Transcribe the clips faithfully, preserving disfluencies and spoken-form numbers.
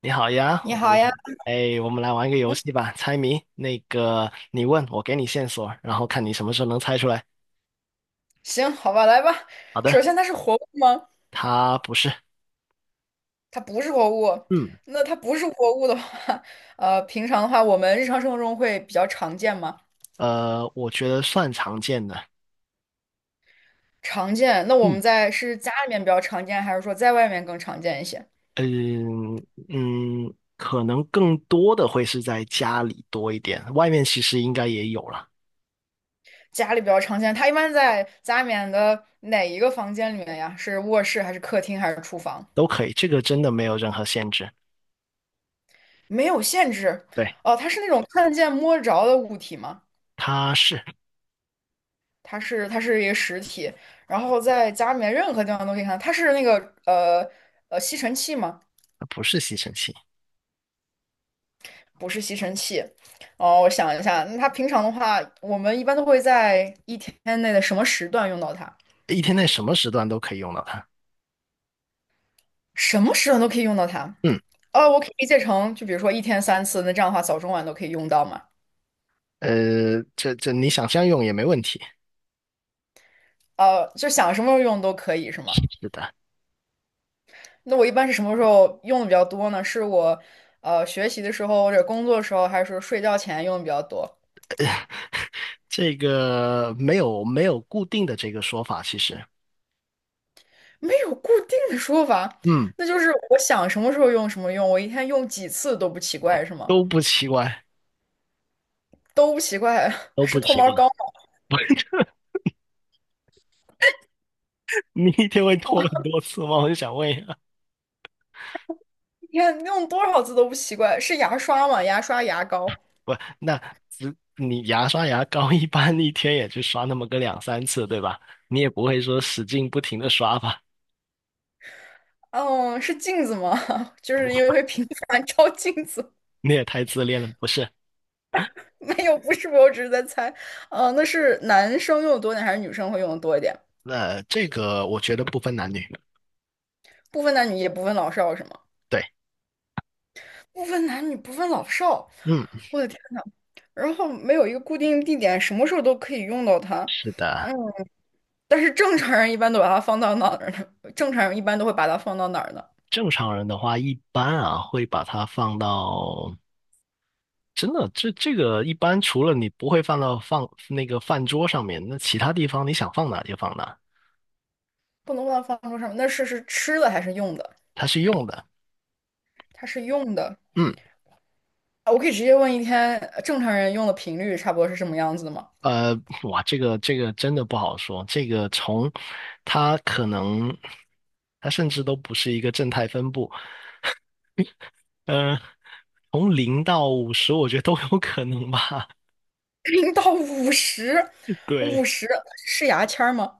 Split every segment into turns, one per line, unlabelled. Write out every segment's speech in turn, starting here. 你好呀，
你
我
好
们
呀，
哎，我们来玩一个游戏吧，猜谜。那个，你问我，给你线索，然后看你什么时候能猜出来。
行，好吧，来吧。
好
首
的。
先，它是活物吗？
它不是。
它不是活物。
嗯，
那它不是活物的话，呃，平常的话，我们日常生活中会比较常见吗？
呃，我觉得算常见的。
常见。那我们
嗯
在是家里面比较常见，还是说在外面更常见一些？
嗯嗯，可能更多的会是在家里多一点，外面其实应该也有了。
家里比较常见，它一般在家里面的哪一个房间里面呀？是卧室还是客厅还是厨房？
都可以，这个真的没有任何限制。
没有限制。
对。
哦，它是那种看得见摸得着的物体吗？
它是。
它是它是一个实体，然后在家里面任何地方都可以看到。它是那个呃呃吸尘器吗？
它不是吸尘器。
不是吸尘器。哦，我想一下，那它平常的话，我们一般都会在一天内的什么时段用到它？
一天内什么时段都可以用到它。
什么时段都可以用到它？
嗯，
哦，我可以理解成，就比如说一天三次，那这样的话早中晚都可以用到嘛？
呃，这这你想象用也没问题。
呃，就想什么时候用都可以是吗？
是的。
那我一般是什么时候用的比较多呢？是我呃学习的时候，或者工作的时候，还是说睡觉前用的比较多？
这个没有没有固定的这个说法，其实。
没有固定的说法，
嗯。
那就是我想什么时候用什么用，我一天用几次都不奇怪，是吗？
都不奇怪。
都不奇怪，
都
是
不
脱
奇
毛
怪。
膏吗？
你一天会脱很多次吗？我就想问一下。
一天用多少次都不奇怪，是牙刷吗？牙刷、牙膏，
不，那只你牙刷牙膏一般一天也就刷那么个两三次，对吧？你也不会说使劲不停的刷吧？
嗯，是镜子吗？就是因为会频繁照镜子，
你也太自恋了，不是？
没有，不是，我只是在猜，嗯，那是男生用的多一点，还是女生会用的多一点？
那这个我觉得不分男女。
不分男女，也不分老少，是吗？
对。
不分男女，不分老少，
嗯。
我的天呐，然后没有一个固定地点，什么时候都可以用到它。
是的。
嗯。但是正常人一般都把它放到哪儿呢？正常人一般都会把它放到哪儿呢？
正常人的话一般啊会把它放到。真的，这这个一般除了你不会放到放那个饭桌上面，那其他地方你想放哪就放哪。
不能把它放桌上，那是是吃的还是用的？
它是用的。
它是用的。
嗯，
啊我可以直接问一天呃正常人用的频率差不多是什么样子的吗？
呃，哇，这个这个真的不好说。这个从它可能它甚至都不是一个正态分布。嗯呃，从零到五十，我觉得都有可能吧。
零到五十，五
对。
十是牙签儿吗？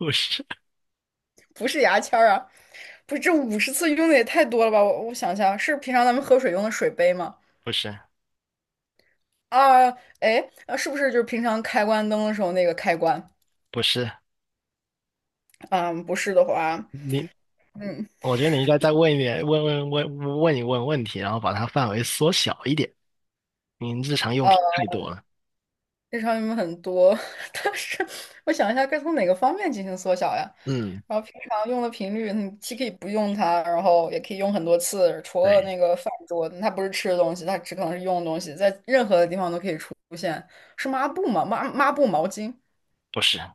不是
不是牙签儿啊，不是这五十次用的也太多了吧？我我想一下，是平常咱们喝水用的水杯吗？
不是
啊，哎，啊是不是就是平常开关灯的时候那个开关？
不是，
嗯，不是的话，
你
嗯。
我觉得你应该再问一点，问问问问一问问题，然后把它范围缩小一点。您日常用品
呃
太多了。
日常用没有很多，但是我想一下该从哪个方面进行缩小呀？
嗯。
然后平常用的频率，你既可以不用它，然后也可以用很多次。除了
对。
那个饭桌，它不是吃的东西，它只可能是用的东西，在任何的地方都可以出现。是抹布吗？抹抹布、毛巾。
不是，呃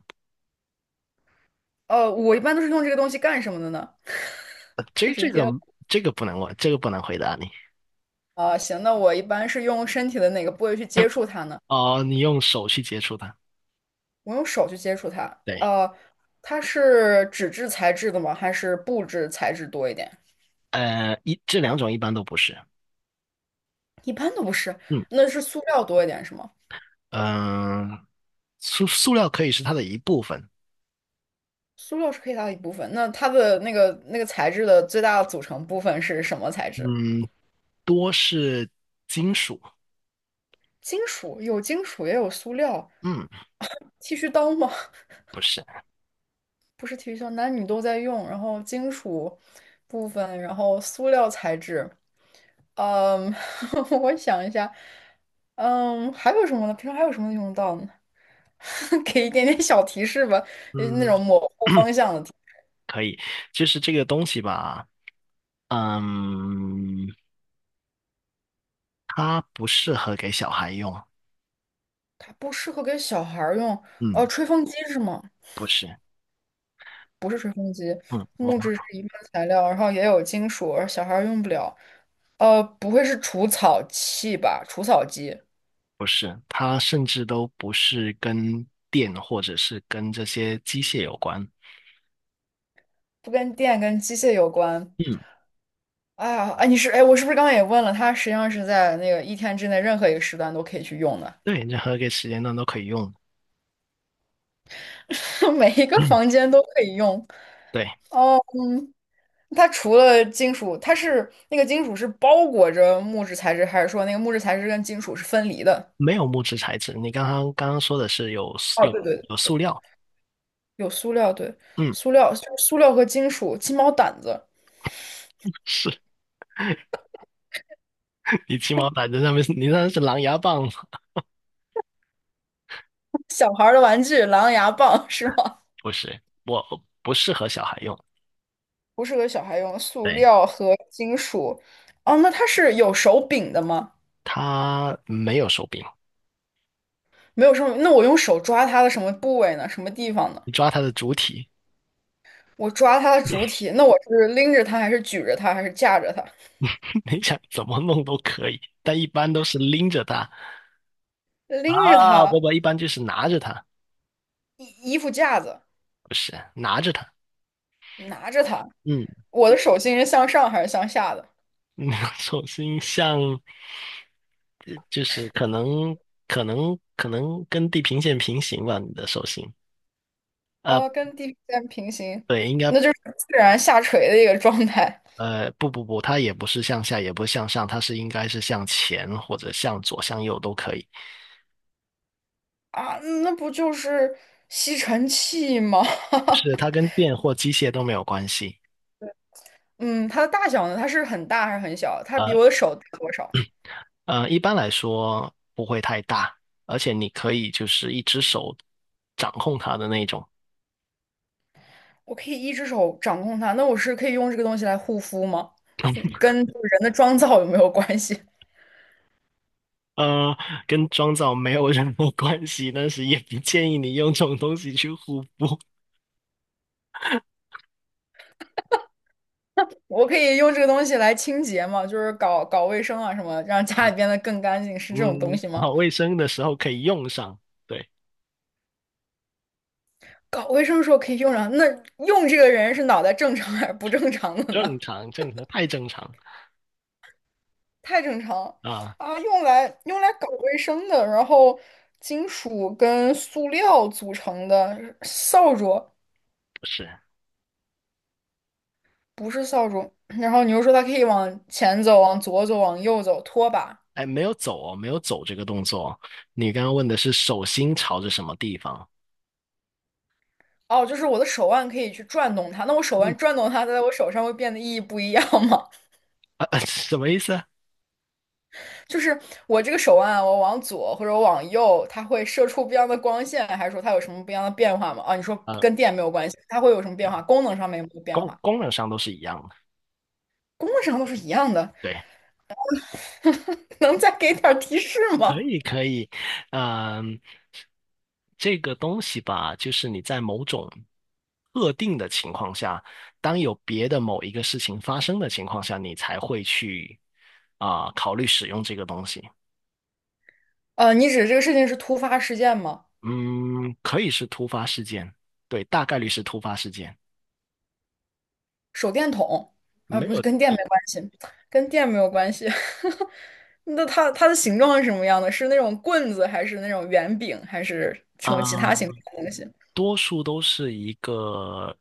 呃，我一般都是用这个东西干什么的呢？太
这
直
这个
接了。
这个不能问，这个不能回答你。
啊、行，那我一般是用身体的哪个部位去接 触它呢？
哦，你用手去接触它。
我用手去接触它。
对。
呃，它是纸质材质的吗？还是布质材质多一点？
呃，一这两种一般都不是。
一般都不是，
嗯，
那是塑料多一点是吗？
嗯、塑塑料可以是它的一部分。
塑料是可以大的一部分，那它的那个那个材质的最大的组成部分是什么材质？
嗯。多是金属。
金属，有金属也有塑料。
嗯。
剃须刀吗？
不是。
不是剃须刀，男女都在用。然后金属部分，然后塑料材质。嗯，我想一下，嗯，还有什么呢？平常还有什么用得到呢？给一点点小提示吧，就是那
嗯。
种模 糊 方向的。
可以。就是这个东西吧。嗯。它不适合给小孩用。
它不适合给小孩儿用。
嗯。
哦，吹风机是吗？
不是。嗯，我
木质是一般材料，然后也有金属，而小孩儿用不了。呃，不会是除草器吧？除草机
不是，它甚至都不是跟电或者是跟这些机械有关。
不跟电跟机械有关。
嗯，
哎呀，哎，你是哎，我是不是刚刚也问了？它实际上是在那个一天之内任何一个时段都可以去用的，
对，任何一个时间段都可以用。
每一 个
嗯。
房间都可以用。
对。
它除了金属，它是那个金属是包裹着木质材质，还是说那个木质材质跟金属是分离的？
没有木质材质。你刚刚刚刚说的是有塑
哦，
有
对对
有塑料。
有塑料，对，
嗯。
塑料就是塑料和金属，鸡毛掸子，
是 你鸡毛掸子上面是你那是狼牙棒。
小孩儿的玩具，狼牙棒 是吗？
不是，我不适合小孩用。
不适合小孩用，塑
对，
料和金属。哦，那它是有手柄的吗？
它没有手柄。
没有什么，那我用手抓它的什么部位呢？什么地方呢？
你抓它的主体。
我抓它的主体，那我是拎着它，还是举着它，还是架着它？
你想怎么弄都可以，但一般都是拎着它。
拎着
啊，
它，
不不，一般就是拿着它。
衣衣服架子，
不是拿着它。
拿着它，
嗯。
我的手心是向上还是向下的？
手种星像就是可能可能可能跟地平线平行吧，你的手心。呃，
哦，跟地平线平行，
对。应该
那就是自然下垂的一个状态。
呃不不不，它也不是向下，也不是向上，它是应该是向前或者向左、向右都可以。
啊，嗯那不就是吸尘器吗？
是它 跟电或机械都没有关系。
嗯，它的大小呢？它是很大还是很小？它比
呃
我的手大多少？
呃，一般来说不会太大，而且你可以就是一只手掌控它的那种。
我可以一只手掌控它，那我是可以用这个东西来护肤吗？跟就是人的妆造有没有关系？
呃，跟妆造没有任何关系，但是也不建议你用这种东西去护肤。
我可以用这个东西来清洁吗？就是搞搞卫生啊什么，让家里变得更干净，是这种东
嗯，
西吗？
搞卫生的时候可以用上。对。
搞卫生的时候可以用上，那用这个人是脑袋正常还是不正常的呢？
正常，正常，太正常。
太正常
啊，
啊！用来用来搞卫生的，然后金属跟塑料组成的扫帚，
不是。
不是扫帚。然后你又说它可以往前走、往左走、往右走，拖把。
哎，没有走哦，没有走这个动作哦。你刚刚问的是手心朝着什么地方？
哦，就是我的手腕可以去转动它，那我手
嗯。
腕转动它，在我手上会变得意义不一样吗？
啊，啊什么意思啊？
就是我这个手腕啊我往左或者我往右，它会射出不一样的光线，还是说它有什么不一样的变化吗？啊，你说
呃，
跟电没有关系，它会有什么
没
变
有，
化？功能上面有没有变
功
化？
功能上都是一样的。
功能上都是一样的。
对。
能再给点儿提示
可
吗？
以，可以。嗯。这个东西吧，就是你在某种特定的情况下，当有别的某一个事情发生的情况下，你才会去啊、考虑使用这个东西。
呃，你指这个事情是突发事件吗？
嗯，可以是突发事件。对，大概率是突发事件。
手电筒啊，
没
不是
有。
跟电没关系，跟电没有关系。那它它的形状是什么样的？是那种棍子，还是那种圆饼，还是什么其他形
啊、
状的东西？
多数都是一个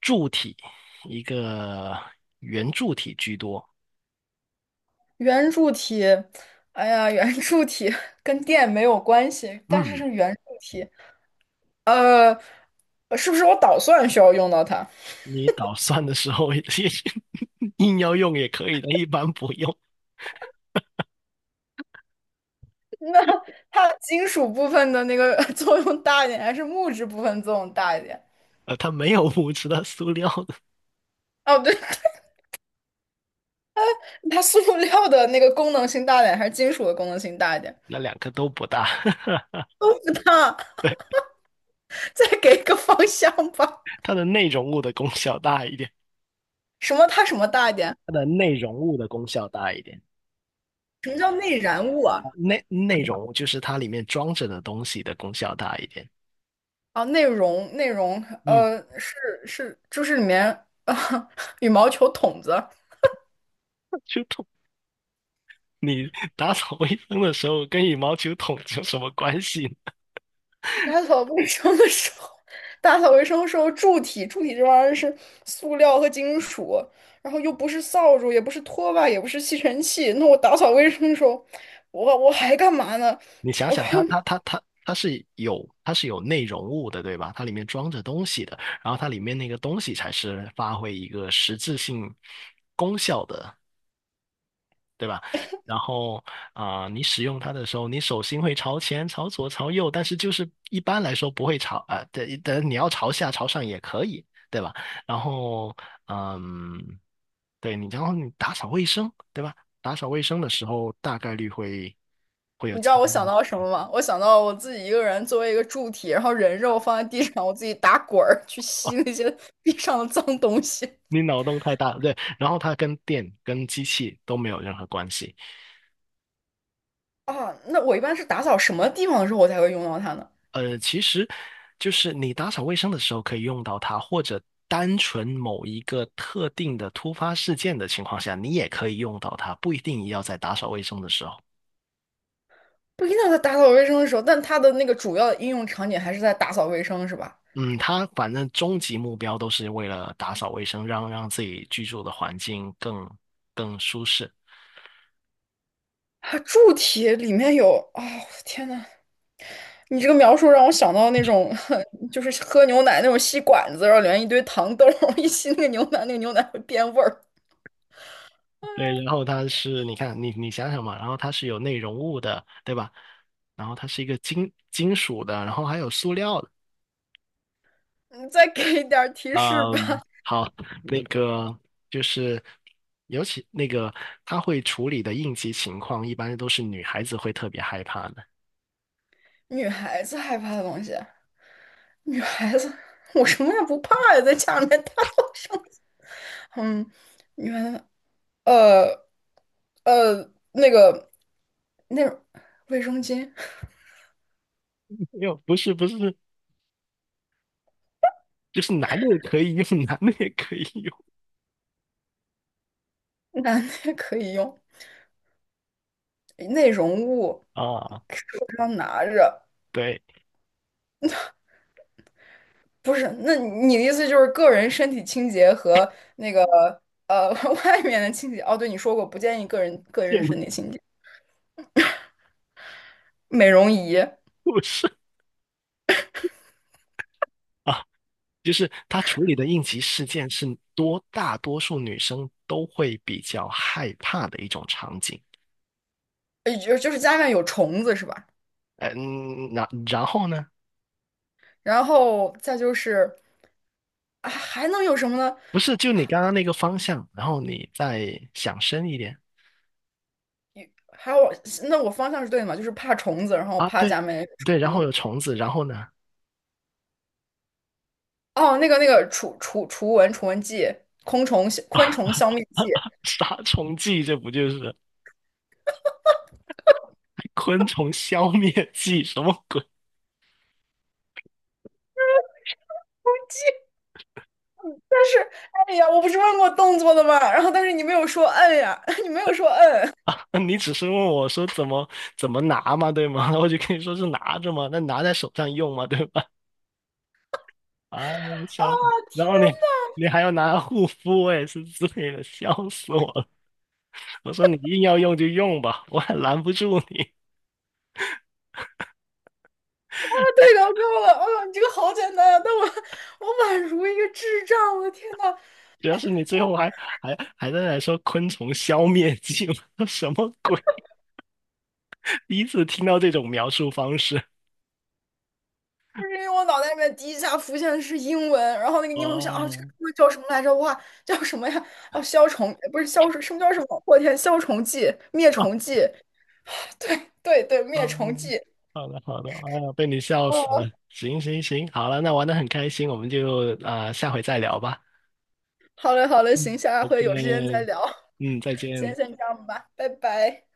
柱体，一个圆柱体居多。
圆柱体，哎呀，圆柱体跟电没有关系，但是
嗯。
是圆柱体。呃，是不是我捣蒜需要用到它？
你捣蒜的时候也 硬要用也可以的，一般不用。
那它金属部分的那个 作用大一点，还是木质部分作用大一点？
呃，它没有物质的塑料的。
哦，对，它塑料的那个功能性大一点，还是金属的功能性大一点？
那两个都不大。
都不大，
对。
再给一个方向吧。
它的内容物的功效大一点。
什么它什么大一点？
它的内容物的功效大一点。
什么叫内燃物啊？
啊内内容物就是它里面装着的东西的功效大一点。
啊，内容内容，
嗯。
呃，是是，就是里面啊，羽毛球筒子。
就桶，你打扫卫生的时候跟羽毛球桶有什么关系呢？
打扫卫生的时候，打扫卫生的时候，柱体柱体这玩意儿是塑料和金属，然后又不是扫帚，也不是拖把，也不是吸尘器。那我打扫卫生的时候，我我还干嘛呢？
你想想它，它它它它是有它是有内容物的，对吧？它里面装着东西的。然后它里面那个东西才是发挥一个实质性功效的，对吧？然后啊、你使用它的时候，你手心会朝前、朝左、朝右，但是就是一般来说不会朝。啊，对，但你要朝下、朝上也可以，对吧？然后嗯，对你。然后你打扫卫生，对吧？打扫卫生的时候，大概率会会有
你知
进
道我想
步。
到什么吗？我想到我自己一个人作为一个柱体，然后人肉放在地上，我自己打滚儿去吸那些地上的脏东西
你脑洞太大了。对。然后它跟电、跟机器都没有任何关系。
啊。那我一般是打扫什么地方的时候我才会用到它呢？
呃，其实就是你打扫卫生的时候可以用到它，或者单纯某一个特定的突发事件的情况下，你也可以用到它，不一定要在打扫卫生的时候。
不一定在打扫卫生的时候，但它的那个主要的应用场景还是在打扫卫生，是吧？
嗯，它反正终极目标都是为了打扫卫生，让让自己居住的环境更更舒适。
啊，柱体里面有啊，天呐，你这个描述让我想到那种，就是喝牛奶那种吸管子，然后里面一堆糖豆儿，一吸那个牛奶，那个牛奶会变味儿。
对，然后它是，你看，你你想想嘛，然后它是有内容物的，对吧？然后它是一个金金属的，然后还有塑料的。
你再给一点儿提示吧，
嗯，好。那个就是，尤其那个它会处理的应急情况，一般都是女孩子会特别害怕的。
女孩子害怕的东西，女孩子，我什么也不怕呀，在家里面大叫声，嗯，女孩子，呃呃，那个那卫生巾，
没有，不是不是，就是男的也可以用。男的也可以用
男的也可以用，内容物
啊。
手上拿着。
对。
不是，那你的意思就是个人身体清洁和那个呃 外面的清洁？哦，对，你说过不建议个人 个人
建
身体清洁，美容仪，
筑师。就是她处理的应急事件是多大多数女生都会比较害怕的一种场景。
呃，就就是家里面有虫子是吧？
呃嗯，然然后呢？
然后再就是啊，还能有什么呢？
不是，就你刚刚那个方向，然后你再想深一点。
还有，那我方向是对的嘛？就是怕虫子，然后
啊，
怕
对
家里面有
对，然
虫
后
子。
有虫子，然后呢？
哦，那个那个除除除蚊除蚊剂，昆虫昆虫消灭剂。
杀虫剂，这不就是昆虫消灭剂？什么鬼？
但是，哎呀，我不是问过动作的吗？然后，但是你没有说摁呀，你没有说摁。嗯
你只是问我说怎么怎么拿嘛，对吗？我就跟你说是拿着嘛，那拿在手上用嘛，对吧？啊，
啊，
笑死！然
天
后你你还要拿护肤，我也是醉了，笑死我了。我说你硬要用就用吧，我也拦不住你。
呐，太搞笑了！哎呦，你这个好简单啊，但我我宛如一个智障，我的天呐，
主要是你最后还还还在那说昆虫消灭剂，我说什么鬼？第一次听到这种描述方式。
就是因为我脑袋里面第一下浮现的是英文，然后那个英文我想啊，这个
哦。
英文叫什么来着？哇，叫什么呀？哦、消虫不是消什么叫什么？我天，消虫剂、灭
啊
虫剂，对对对，
啊，
灭虫剂。
好的，好的。哎呀，被你笑死
哦，
了。行行行，好了，那玩的很开心，我们就啊、下回再聊吧。
好嘞好嘞，
嗯，
行，下
再
回有时间再
见。
聊，
嗯，再
今天
见。
先这样吧，拜拜。